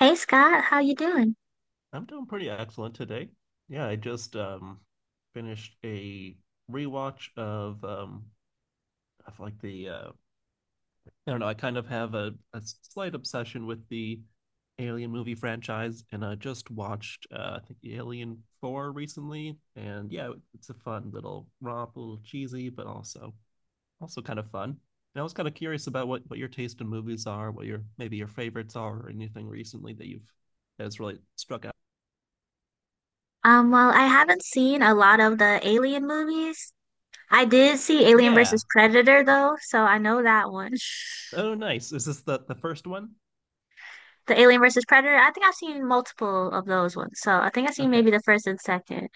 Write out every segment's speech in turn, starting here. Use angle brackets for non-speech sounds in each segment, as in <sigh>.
Hey Scott, how you doing? I'm doing pretty excellent today. Yeah, I just finished a rewatch of of like the I don't know, I kind of have a slight obsession with the Alien movie franchise, and I just watched I think Alien 4 recently. And yeah, it's a fun little romp, a little cheesy, but also kind of fun. And I was kind of curious about what your taste in movies are, what your maybe your favorites are, or anything recently that you've that's really struck out. Well, I haven't seen a lot of the Alien movies. I did see Alien Yeah. versus Predator though, so I know that one. <laughs> Oh, nice. Is this the first one? The Alien versus Predator, I think I've seen multiple of those ones. So I think I've seen Okay. maybe the first and second.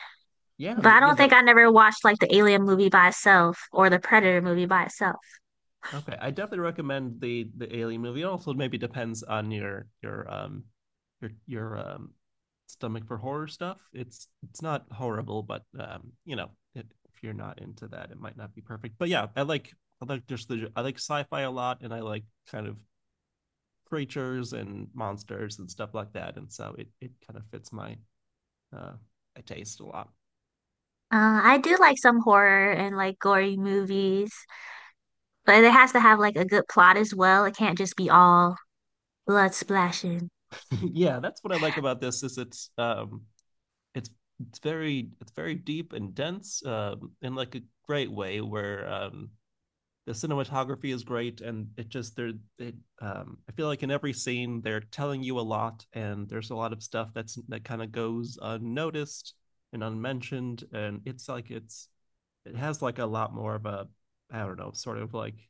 Yeah, But I th- yeah, don't think the I never watched like the Alien movie by itself or the Predator movie by itself. okay. I definitely recommend the Alien movie. It also maybe depends on your your stomach for horror stuff. It's not horrible, but you know, it, if you're not into that, it might not be perfect. But yeah, I like just the I like sci-fi a lot, and I like kind of creatures and monsters and stuff like that. And so it kind of fits my uh I taste a lot. I do like some horror and like gory movies, but it has to have like a good plot as well. It can't just be all blood splashing. <laughs> Yeah, that's what I like about this, is it's it's it's very deep and dense, in like a great way where, the cinematography is great, and it just there it I feel like in every scene they're telling you a lot, and there's a lot of stuff that kind of goes unnoticed and unmentioned. And it's it has like a lot more of a, I don't know, sort of like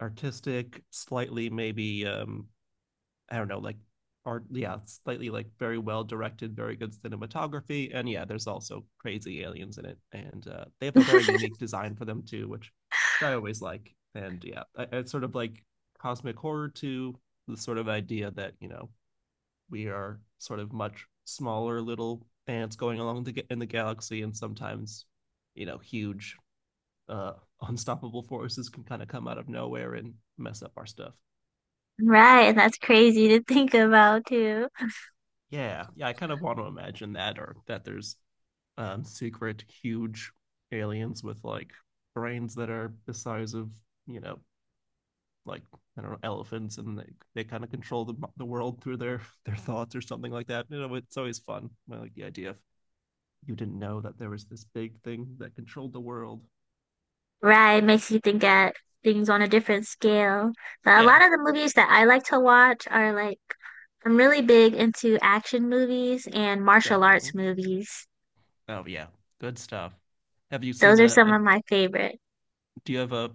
artistic, slightly, maybe, I don't know, like art. Yeah, slightly like very well directed, very good cinematography. And yeah, there's also crazy aliens in it, and they have a very unique design for them too, which I always like. And yeah, it's sort of like cosmic horror to the sort of idea that, you know, we are sort of much smaller little ants going along the, in the galaxy, and sometimes, you know, huge uh <laughs> unstoppable forces can kind of come out of nowhere and mess up our stuff. Right, and that's crazy to think about too. Yeah, I kind of want to imagine that, or that there's secret huge aliens with like brains that are the size of, you know, like, I don't know, elephants, and they kind of control the world through their <laughs> their thoughts or something like that. You know, it's always fun. I like the idea of you didn't know that there was this big thing that controlled the world. Right, makes you think at things on a different scale. But a Yeah, lot of the movies that I like to watch are like I'm really big into action movies and martial arts definitely. movies. Oh yeah, good stuff. Have you seen Those are a? some of my favorite. Do you have a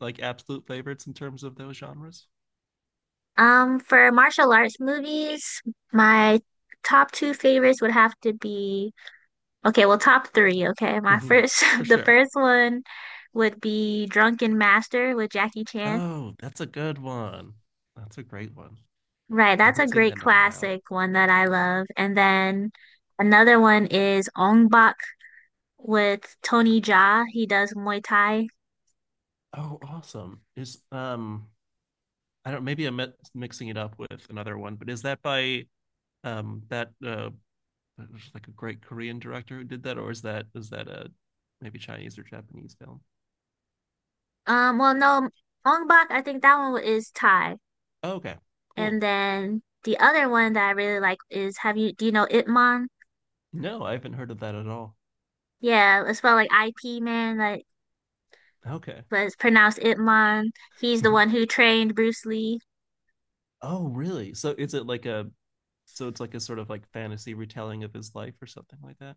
like absolute favorites in terms of those genres? For martial arts movies, my top two favorites would have to be okay, well, top three, okay. My Hmm. first, For <laughs> the sure. first one would be Drunken Master with Jackie Chan. Oh, that's a good one. That's a great one. Right, I that's a haven't seen great that in a while. classic one that I love. And then another one is Ong Bak with Tony Jaa. He does Muay Thai. Oh, awesome. Is I don't maybe I'm mixing it up with another one, but is that by that there's like a great Korean director who did that, or is that a maybe Chinese or Japanese film? Well, no, Ong Bak, I think that one is Thai. Oh, okay. And Cool. then the other one that I really like is have you do you know Ip Man? No, I haven't heard of that at all. Yeah, it's spelled like IP man, like Okay. but it's pronounced Ip Man. He's the one <laughs> who trained Bruce Lee. Oh, really? So is it like a it's like a sort of like fantasy retelling of his life or something like that?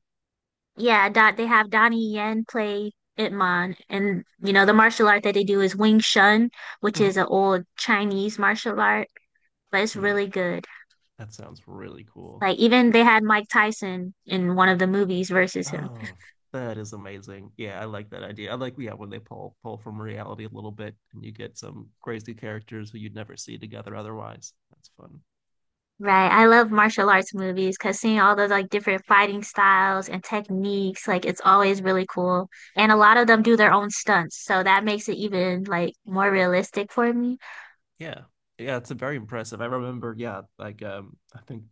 Yeah, Dot they have Donnie Yen play Ip Man and you know the martial art that they do is Wing Chun, which Hmm. is an old Chinese martial art, but it's Yeah, really good. that sounds really cool. Like even they had Mike Tyson in one of the movies versus him. Oh, that is amazing. Yeah, I like that idea. I like, yeah, when they pull from reality a little bit, and you get some crazy characters who you'd never see together otherwise. That's fun. Right. I love martial arts movies because seeing all those like different fighting styles and techniques, like it's always really cool. And a lot of them do their own stunts, so that makes it even like more realistic for me. Yeah. Yeah, it's a very impressive. I remember, yeah, like I think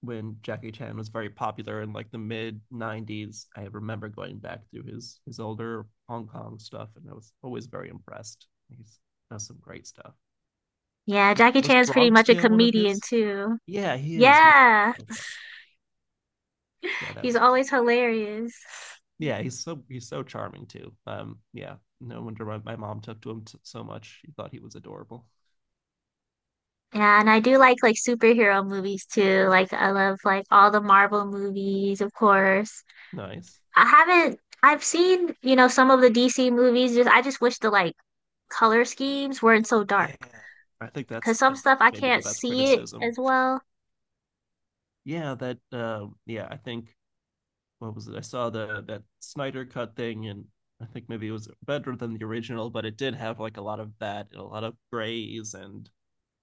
when Jackie Chan was very popular in like the mid 90s, I remember going back through his older Hong Kong stuff, and I was always very impressed. He's Does some great stuff. Yeah, Like, Jackie was Chan's pretty Bronx much a Tale one of comedian his? too. Yeah, he is. He's Yeah. so funny. Yeah, that He's was great. always hilarious. Yeah, he's so charming too. Yeah, no wonder my mom took to him so much. She thought he was adorable. Yeah, and I do like superhero movies too. Like I love like all the Marvel movies, of course. Nice. I haven't I've seen, you know, some of the DC movies. Just I just wish the like color schemes weren't so dark Yeah, I think because some that's stuff I maybe the can't best see it criticism. as well. Yeah, that. Yeah, I think what was it? I saw the that Snyder cut thing, and I think maybe it was better than the original, but it did have like a lot of that and a lot of grays, and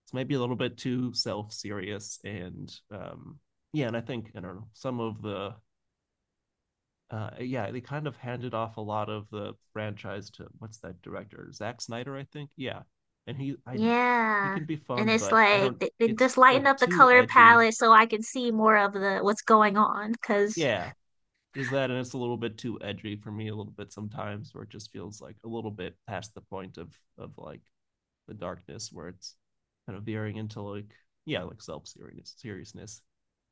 it's maybe a little bit too self serious. And yeah, and I think I don't know some of the yeah, they kind of handed off a lot of the franchise to what's that director? Zack Snyder, I think. Yeah. And he I He Yeah. can be And fun, it's but I like don't they it's just like lighten up the too color edgy. palette so I can see more of the what's going on because Yeah. There's that, and it's a little bit too edgy for me a little bit sometimes, where it just feels like a little bit past the point of like the darkness where it's kind of veering into like, yeah, like self serious seriousness.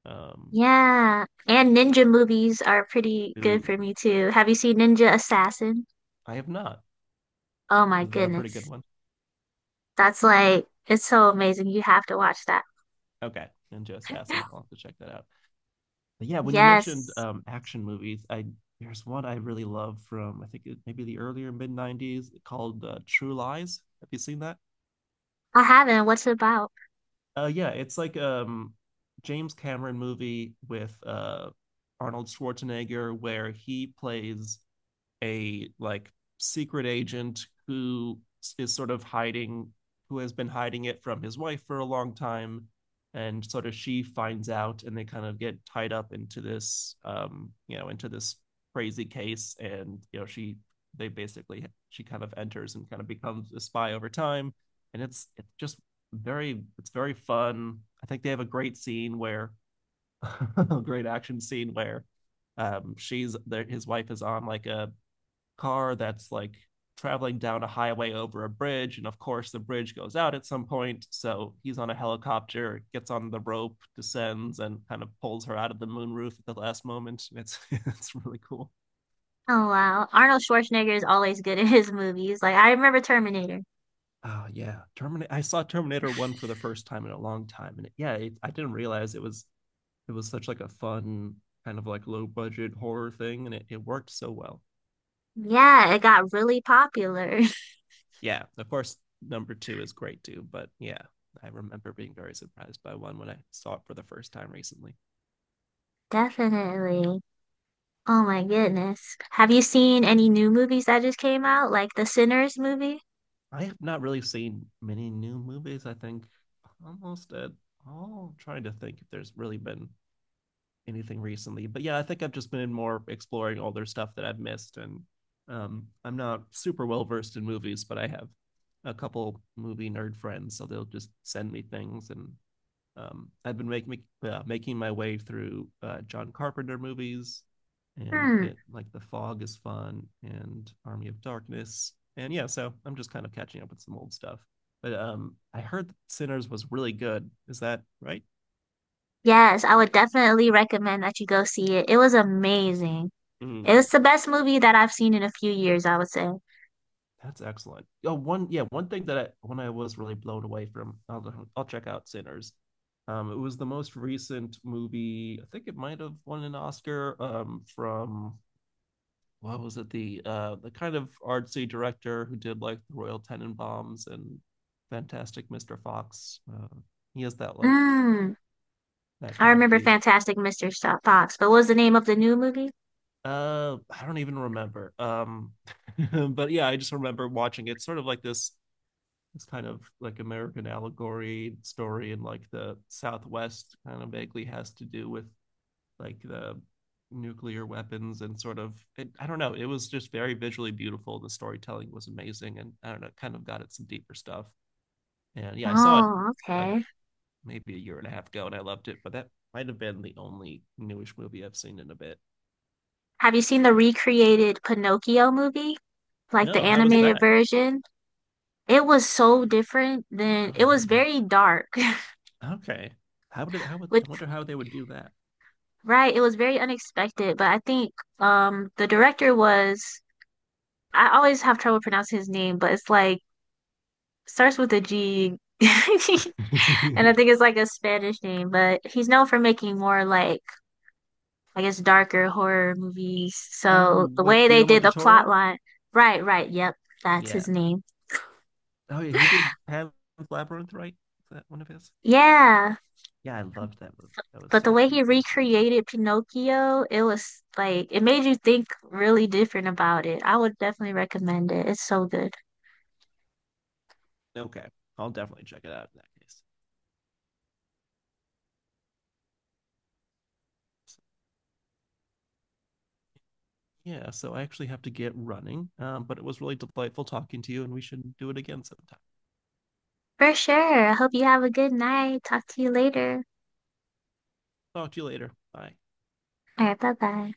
Um yeah. And ninja movies are pretty good ooh, for me too. Have you seen Ninja Assassin? I have not. Oh my Is that a pretty good goodness. one? That's like, it's so amazing. You have to watch that. Okay. Ninja Assassin. I'll <laughs> have to check that out. But yeah, when you mentioned Yes, action movies, I there's one I really love from I think it, maybe the earlier mid '90s, called True Lies. Have you seen that? I haven't. What's it about? Yeah, it's like James Cameron movie with Arnold Schwarzenegger, where he plays a like secret agent who is sort of hiding who has been hiding it from his wife for a long time, and sort of she finds out, and they kind of get tied up into this you know, into this crazy case, and you know she they basically she kind of enters and kind of becomes a spy over time. And it's just very it's very fun. I think they have a great scene where <laughs> a great action scene where she's there his wife is on like a car that's like traveling down a highway over a bridge. And of course, the bridge goes out at some point. So he's on a helicopter, gets on the rope, descends, and kind of pulls her out of the moonroof at the last moment. <laughs> It's really cool. Oh wow. Arnold Schwarzenegger is always good in his movies. Like I remember Terminator. Oh yeah, Terminator. I saw Terminator One for the first time in a long time, and yeah, I didn't realize it was such like a fun kind of like low budget horror thing, and it worked so well. Yeah, it got really popular. <laughs> Yeah, of course, number two is great too. But yeah, I remember being very surprised by one when I saw it for the first time recently. Definitely. Oh my goodness. Have you seen any new movies that just came out, like the Sinners movie? I have not really seen many new movies. I think almost at all. I'm trying to think if there's really been anything recently, but yeah, I think I've just been more exploring older stuff that I've missed. And I'm not super well versed in movies, but I have a couple movie nerd friends, so they'll just send me things. And I've been making my way through John Carpenter movies, and Hmm. get like The Fog is fun, and Army of Darkness. And yeah, so I'm just kind of catching up with some old stuff. But I heard that Sinners was really good. Is that right? Yes, I would definitely recommend that you go see it. It was amazing. It Mm, was the best movie that I've seen in a few years, I would say. that's excellent. Oh, one yeah, one thing that I when I was really blown away from, I'll check out Sinners. It was the most recent movie. I think it might have won an Oscar, from what was it the kind of artsy director who did like the Royal Tenenbaums and Fantastic Mr. Fox. He has that like Mm. that I kind of remember cute. Fantastic Mr. Fox, but what was the name of the new movie? I don't even remember. <laughs> But yeah, I just remember watching it. Sort of like this kind of like American allegory story, and like the Southwest kind of vaguely has to do with like the nuclear weapons and sort of it, I don't know. It was just very visually beautiful. The storytelling was amazing, and I don't know, kind of got at some deeper stuff. And yeah, I saw it Oh, like okay. maybe a year and a half ago, and I loved it. But that might have been the only newish movie I've seen in a bit. Have you seen the recreated Pinocchio movie? Like the No, how was animated that? version? It was so different than Oh, it was really? very dark. Okay. How <laughs> would With I wonder how they would do that? right, it was very unexpected, but I think the director was I always have trouble pronouncing his name, but it's like starts with a G. <laughs> And I <laughs> think it's like a Spanish name, but he's known for making more like I guess darker horror movies. So Oh, the wait, way they Guillermo did del the plot Toro? line, right, right, yep, that's Yeah. his name. Oh, yeah, he did Pan's Labyrinth, right? Is that one of his? Yeah, Yeah, I loved that movie. That was but the so way he creepy and crazy. recreated Pinocchio, it was like it made you think really different about it. I would definitely recommend it. It's so good. Okay, I'll definitely check it out in that case. So, yeah, so I actually have to get running, but it was really delightful talking to you, and we should do it again sometime. For sure. I hope you have a good night. Talk to you later. Talk to you later. Bye. All right, bye bye.